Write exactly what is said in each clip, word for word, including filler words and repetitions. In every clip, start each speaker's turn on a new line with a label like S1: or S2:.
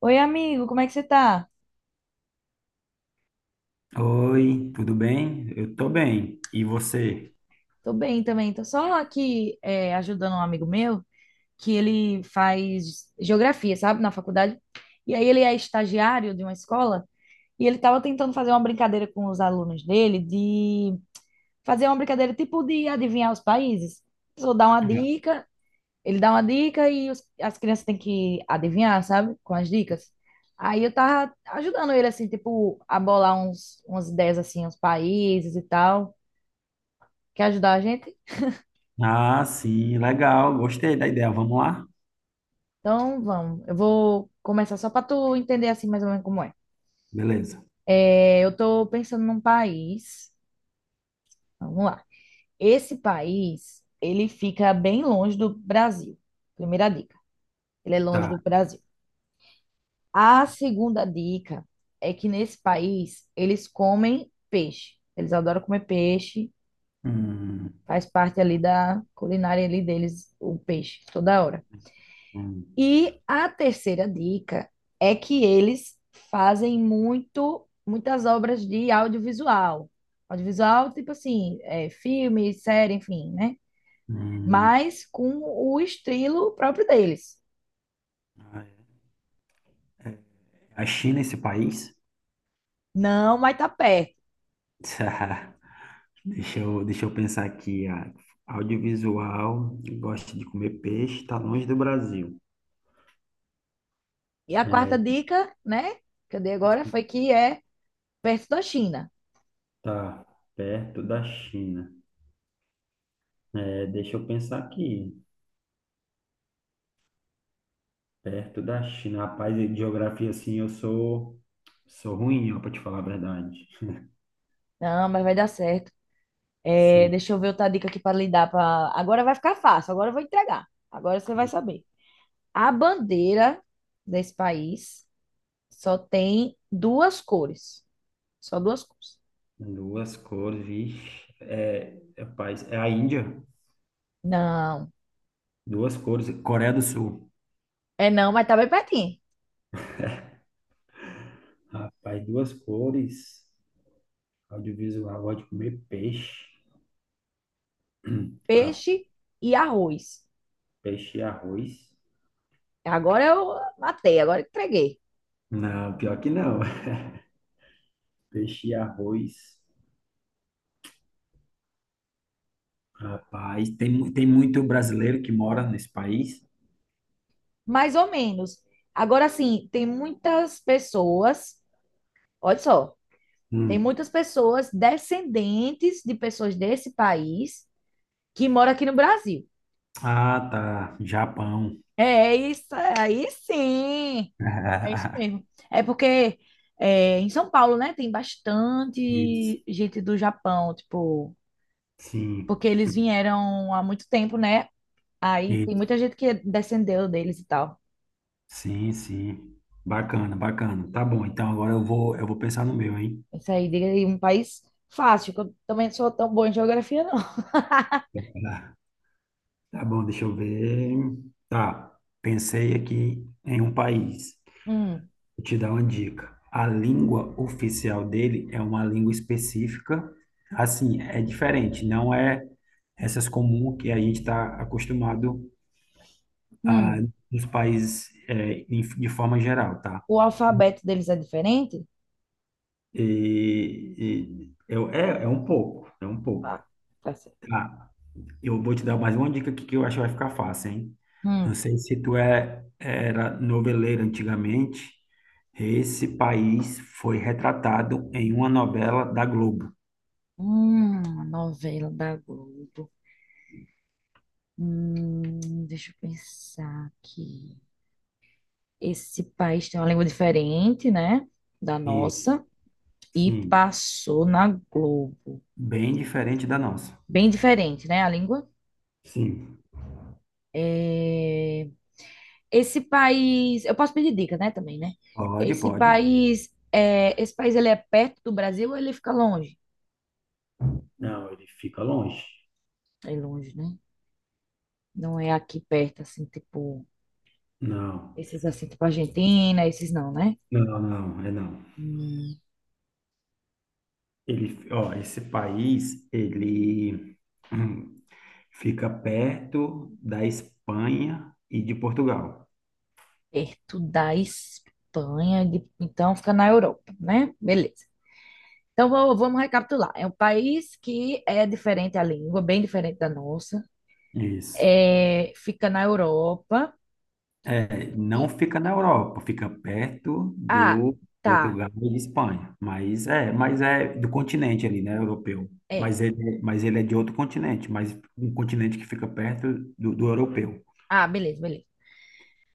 S1: Oi, amigo, como é que você tá?
S2: Oi, tudo bem? Eu tô bem. E você?
S1: Tô bem também, tô só aqui é, ajudando um amigo meu que ele faz geografia, sabe, na faculdade. E aí ele é estagiário de uma escola e ele tava tentando fazer uma brincadeira com os alunos dele de fazer uma brincadeira tipo de adivinhar os países. Só dá uma dica, ele dá uma dica e os- as crianças têm que adivinhar, sabe, com as dicas. Aí eu tava ajudando ele assim, tipo, a bolar uns, umas ideias assim, uns países e tal. Quer ajudar a gente?
S2: Ah, sim, legal. Gostei da ideia. Vamos lá?
S1: Então, vamos. Eu vou começar só para tu entender assim mais ou menos como é.
S2: Beleza.
S1: É, eu tô pensando num país. Vamos lá. Esse país, ele fica bem longe do Brasil. Primeira dica. Ele é longe do
S2: Tá.
S1: Brasil. A segunda dica é que nesse país eles comem peixe. Eles adoram comer peixe.
S2: Hum,
S1: Faz parte ali da culinária ali deles o peixe toda hora.
S2: hum,
S1: E a terceira dica é que eles fazem muito, muitas obras de audiovisual. Audiovisual, tipo assim, é, filme, série, enfim, né?
S2: hum.
S1: Mas com o estilo próprio deles.
S2: A China, é esse país?
S1: Não, mas tá perto.
S2: Tá. Deixa eu, deixa eu pensar aqui. Ah, audiovisual, gosta de comer peixe, está longe do Brasil.
S1: E a quarta
S2: É,
S1: dica, né, que eu dei agora foi que é perto da China.
S2: tá perto da China. É, deixa eu pensar aqui. Perto da China. Rapaz, e geografia, assim, eu sou, sou ruim, ó, para te falar a verdade.
S1: Não, mas vai dar certo. É,
S2: Sim.
S1: deixa eu ver outra dica aqui para lhe dar. Pra... Agora vai ficar fácil, agora eu vou entregar. Agora você vai saber. A bandeira desse país só tem duas cores. Só duas cores.
S2: Duas cores, vixe. É, rapaz, é a Índia.
S1: Não.
S2: Duas cores. Coreia do Sul.
S1: É não, mas tá bem pertinho.
S2: Rapaz, duas cores. Audiovisual, gosto de comer peixe. Ah,
S1: Peixe e arroz.
S2: peixe e arroz.
S1: Agora eu matei, agora entreguei.
S2: Não, pior que não. Peixe e arroz. Rapaz, tem, mu- tem muito brasileiro que mora nesse país.
S1: Mais ou menos. Agora sim, tem muitas pessoas, olha só, tem
S2: Hum.
S1: muitas pessoas descendentes de pessoas desse país que moram aqui no Brasil.
S2: Ah, tá. Japão.
S1: É isso aí, sim. É isso mesmo. É porque é, em São Paulo, né, tem
S2: Isso.
S1: bastante gente do Japão, tipo,
S2: Sim,
S1: porque eles vieram há muito tempo, né? Aí tem muita
S2: isso.
S1: gente que descendeu deles e tal.
S2: Sim, sim. Bacana, bacana. Tá bom, então agora eu vou, eu vou pensar no meu, hein?
S1: Isso aí, diga aí, um país fácil, que eu também não sou tão boa em geografia, não.
S2: Tá. Tá bom, deixa eu ver. Tá, pensei aqui em um país.
S1: Hum,
S2: Vou te dar uma dica. A língua oficial dele é uma língua específica. Assim, é diferente, não é essas comum que a gente está acostumado a
S1: hum.
S2: nos países eh, em- de forma geral, tá?
S1: O alfabeto deles é diferente?
S2: E, e eu, é, é um pouco, é um pouco.
S1: Tá, tá certo.
S2: Tá, eu vou te dar mais uma dica aqui que eu acho que vai ficar fácil, hein? Não
S1: Hum,
S2: sei se tu é, era noveleiro antigamente, esse país foi retratado em uma novela da Globo.
S1: hum, a novela da Globo. Hum, deixa eu pensar aqui. Esse país tem uma língua diferente, né, da
S2: Isso,
S1: nossa, e
S2: sim,
S1: passou na Globo.
S2: bem diferente da nossa.
S1: Bem diferente, né, a língua.
S2: Sim,
S1: É, esse país, eu posso pedir dica, né, também, né?
S2: pode,
S1: Esse
S2: pode.
S1: país, é... esse país ele é perto do Brasil ou ele fica longe?
S2: Não, ele fica longe.
S1: É longe, né? Não é aqui perto, assim, tipo,
S2: Não,
S1: esses assim, tipo Argentina, esses não, né?
S2: não, não, é não.
S1: Hum,
S2: Ele, ó, esse país, ele hum, fica perto da Espanha e de Portugal.
S1: perto da Espanha, de- então fica na Europa, né? Beleza. Então, vou- vamos recapitular. É um país que é diferente a língua, bem diferente da nossa.
S2: Isso.
S1: É, fica na Europa.
S2: É, não
S1: E,
S2: fica na Europa, fica perto
S1: ah,
S2: do
S1: tá.
S2: Portugal e de Espanha. Mas é, mas é do continente ali, né, europeu.
S1: É.
S2: Mas ele, é, mas ele é de outro continente, mas um continente que fica perto do, do europeu.
S1: Ah, beleza, beleza.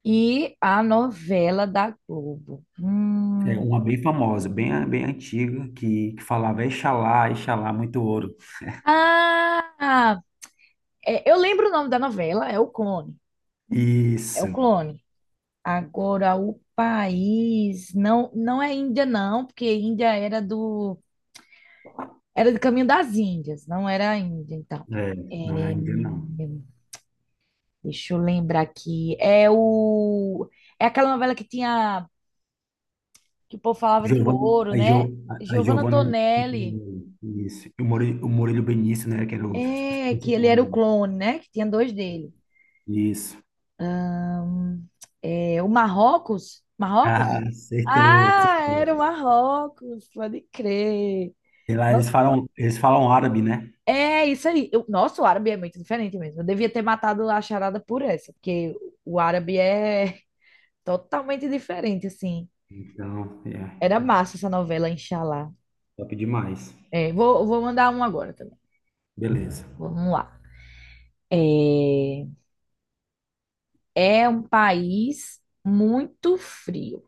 S1: E a novela da Globo.
S2: É
S1: Hum.
S2: uma bem famosa, bem, bem antiga, que, que falava Exalá, Exalá, muito ouro.
S1: Ah, é, eu lembro o nome da novela, é o Clone. É o
S2: Isso.
S1: Clone. Agora, o país. Não, não é Índia, não, porque Índia era do. Era do caminho das Índias, não era a Índia, então.
S2: É,
S1: É,
S2: não é ainda não.
S1: deixa eu lembrar aqui. É o é aquela novela que tinha que o povo falava de
S2: Giovana,
S1: ouro,
S2: a, jo,
S1: né?
S2: a a
S1: Giovanna
S2: Giovana,
S1: Antonelli.
S2: isso. E o Murilo, o Murilo Benício, né, que era os os
S1: É, que ele era
S2: principais,
S1: o
S2: né?
S1: clone, né? Que tinha dois dele.
S2: Isso.
S1: É, o Marrocos?
S2: Ah,
S1: Marrocos?
S2: acertou,
S1: Ah, era o
S2: acertou.
S1: Marrocos, pode crer.
S2: Sei lá, eles
S1: Nossa,
S2: falam, eles falam árabe, né?
S1: é isso aí. Eu, nossa, o árabe é muito diferente mesmo. Eu devia ter matado a charada por essa, porque o árabe é totalmente diferente, assim.
S2: Então, é,
S1: Era
S2: é,
S1: massa essa novela, Inshallah.
S2: top demais.
S1: É, vou, vou mandar um agora também.
S2: Beleza.
S1: Vamos lá. É, é um país muito frio,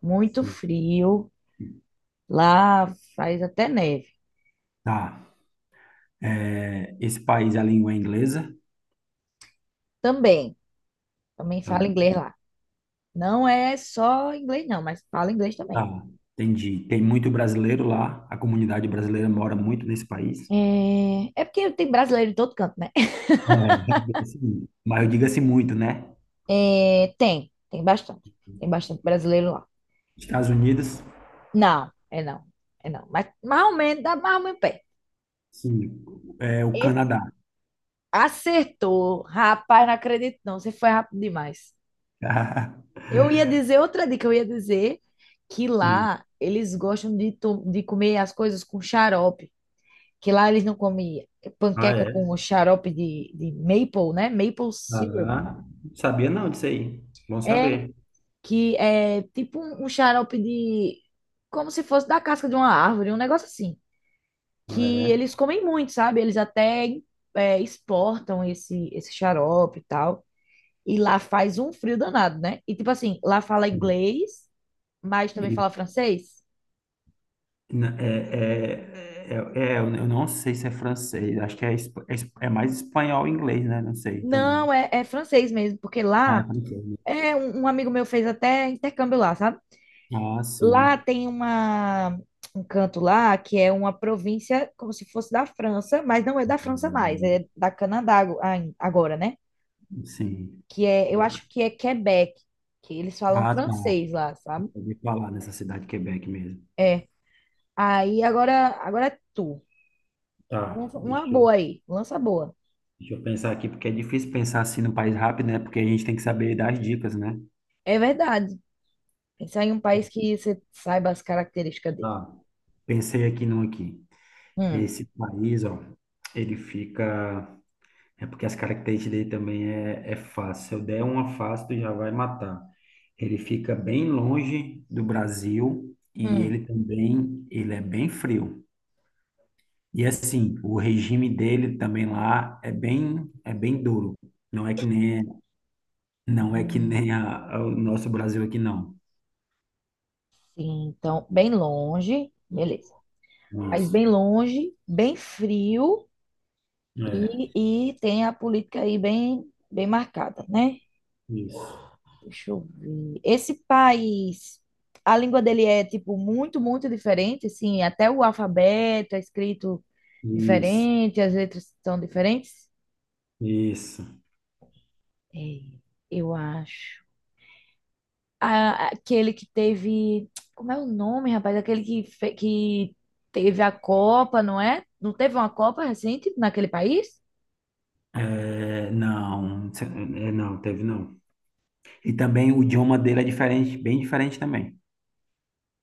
S1: muito frio. Lá faz até neve.
S2: Tá. É, esse país, a língua é inglesa?
S1: Também, também fala
S2: Também.
S1: inglês lá. Não é só inglês, não, mas fala inglês também.
S2: Tá, entendi. Tem muito brasileiro lá, a comunidade brasileira mora muito nesse país?
S1: É, é porque tem brasileiro em todo canto, né?
S2: É, diga-se muito. Mas eu digo assim muito, né?
S1: É, tem, tem bastante. Tem bastante brasileiro lá.
S2: Estados Unidos?
S1: Não, é não, é não. Mas mais ou menos, dá mais ou menos pé.
S2: Sim, é o
S1: Esse-
S2: Canadá.
S1: acertou. Rapaz, não acredito não. Você foi rápido demais. Eu ia dizer outra dica, eu ia dizer que
S2: Hum.
S1: lá eles gostam de, to- de comer as coisas com xarope, que lá eles não comem
S2: Ah,
S1: panqueca
S2: é?
S1: com xarope de, de maple, né? Maple syrup.
S2: Ah, sabia não disso aí. Bom
S1: É
S2: saber.
S1: que é tipo um, um xarope de como se fosse da casca de uma árvore, um negócio assim,
S2: Ah,
S1: que
S2: é.
S1: eles comem muito, sabe? Eles até é, exportam esse esse xarope e tal. E lá faz um frio danado, né? E tipo assim, lá fala
S2: Sim.
S1: inglês, mas também
S2: E
S1: fala francês.
S2: na- É, é, é, é, eu eu não sei se é francês, acho que é, espa- é es- é mais espanhol e inglês, né? Não sei também.
S1: Não, é, é francês mesmo, porque
S2: Ah, é
S1: lá
S2: francês, né?
S1: é um, um amigo meu fez até intercâmbio lá, sabe?
S2: Ah,
S1: Lá
S2: sim.
S1: tem uma um canto lá que é uma província como se fosse da França, mas não é da França mais,
S2: Hum.
S1: é da Canadá ago- ai- agora, né?
S2: Sim.
S1: Que é, eu acho que é Quebec, que eles falam
S2: Ah, tá.
S1: francês lá,
S2: Eu
S1: sabe?
S2: ouvi falar nessa cidade de Quebec mesmo.
S1: É. Aí agora, agora é tu.
S2: Tá,
S1: Lança uma
S2: deixa eu,
S1: boa aí, lança boa.
S2: deixa eu pensar aqui, porque é difícil pensar assim no país rápido, né? Porque a gente tem que saber das dicas, né?
S1: É verdade. Pensar em um país que você saiba as características dele.
S2: Ah, pensei aqui num aqui.
S1: Hum,
S2: Esse país, ó, ele fica. É porque as características dele também é, é fácil. Se eu der uma fácil, tu já vai matar. Ele fica bem longe do Brasil e
S1: hum,
S2: ele também, ele é bem frio. E assim, o regime dele também lá é bem, é bem duro. Não é que nem, não é que
S1: hum.
S2: nem a- a- o nosso Brasil aqui, não.
S1: Sim, então, bem longe, beleza. País
S2: Isso.
S1: bem longe, bem frio
S2: É,
S1: e, e tem a política aí bem, bem marcada, né?
S2: isso.
S1: Deixa eu ver. Esse país, a língua dele é, tipo, muito, muito diferente, assim, até o alfabeto é escrito
S2: Isso,
S1: diferente, as letras são diferentes?
S2: isso.
S1: É, eu acho. a- aquele que teve. Como é o nome, rapaz? Aquele que, fe- que teve a Copa, não é? Não teve uma Copa recente naquele país?
S2: É, não, é, não, teve não. E também o idioma dele é diferente, bem diferente também.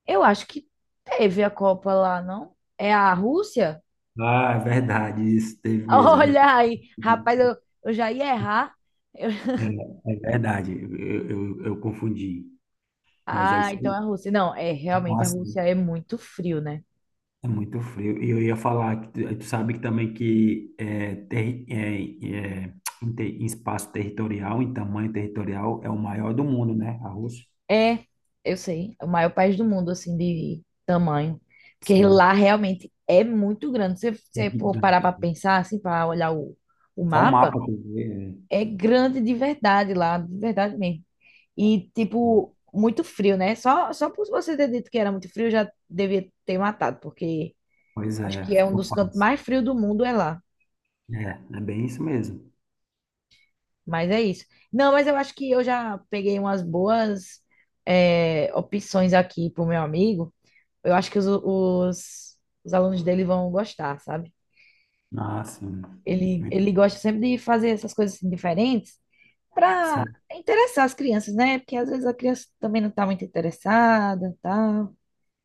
S1: Eu acho que teve a Copa lá, não? É a Rússia?
S2: Ah, é verdade, isso teve mesmo. Eu-
S1: Olha aí, rapaz, eu, eu já ia errar. Eu-
S2: é, é verdade, eu, eu, eu confundi. Mas é
S1: Ah,
S2: isso
S1: então
S2: aí.
S1: é a Rússia. Não, é realmente a
S2: Nossa,
S1: Rússia é muito frio, né?
S2: é muito frio. E eu ia falar que tu, tu sabe que também que é, terri- é, é, em, te- em espaço territorial, em tamanho territorial, é o maior do mundo, né? A Rússia.
S1: É, eu sei, é o maior país do mundo, assim, de tamanho. Porque
S2: Sim.
S1: lá realmente é muito grande. Se
S2: É
S1: você for parar
S2: gigante.
S1: para pensar, assim, para olhar o, o
S2: Só o
S1: mapa,
S2: mapa que eu vi, é.
S1: é grande de verdade lá, de verdade mesmo. E, tipo, muito frio, né? Só, só por você ter dito que era muito frio, eu já devia ter matado, porque
S2: Pois
S1: acho
S2: é,
S1: que é um
S2: ficou
S1: dos cantos
S2: fácil.
S1: mais frios do mundo, é lá.
S2: É, é bem isso mesmo.
S1: Mas é isso. Não, mas eu acho que eu já peguei umas boas, eh, opções aqui pro meu amigo. Eu acho que os, os, os alunos dele vão gostar, sabe?
S2: Ah, sim.
S1: Ele,
S2: Muito-.
S1: ele gosta sempre de fazer essas coisas assim, diferentes para
S2: Sim,
S1: interessar as crianças, né? Porque às vezes a criança também não tá muito interessada, tá?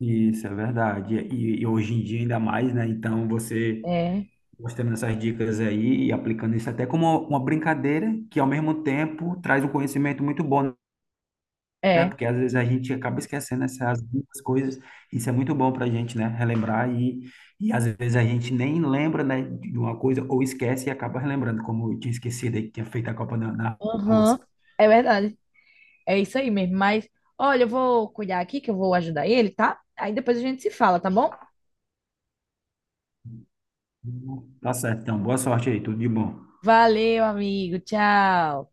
S2: isso é verdade. E, e hoje em dia ainda mais, né? Então você
S1: É,
S2: mostrando essas dicas aí e aplicando isso até como uma uma brincadeira, que ao mesmo tempo traz um conhecimento muito bom, né?
S1: é.
S2: Porque às vezes a gente acaba esquecendo essas duas coisas. Isso é muito bom para a gente, né? Relembrar e, e às vezes a gente nem lembra, né, de uma coisa ou esquece e acaba relembrando, como eu tinha esquecido aí que tinha feito a Copa da, da
S1: Aham.
S2: Rússia.
S1: É verdade. É isso aí mesmo. Mas, olha, eu vou cuidar aqui que eu vou ajudar ele, tá? Aí depois a gente se fala, tá bom?
S2: Tá certo, então. Boa sorte aí, tudo de bom.
S1: Valeu, amigo. Tchau.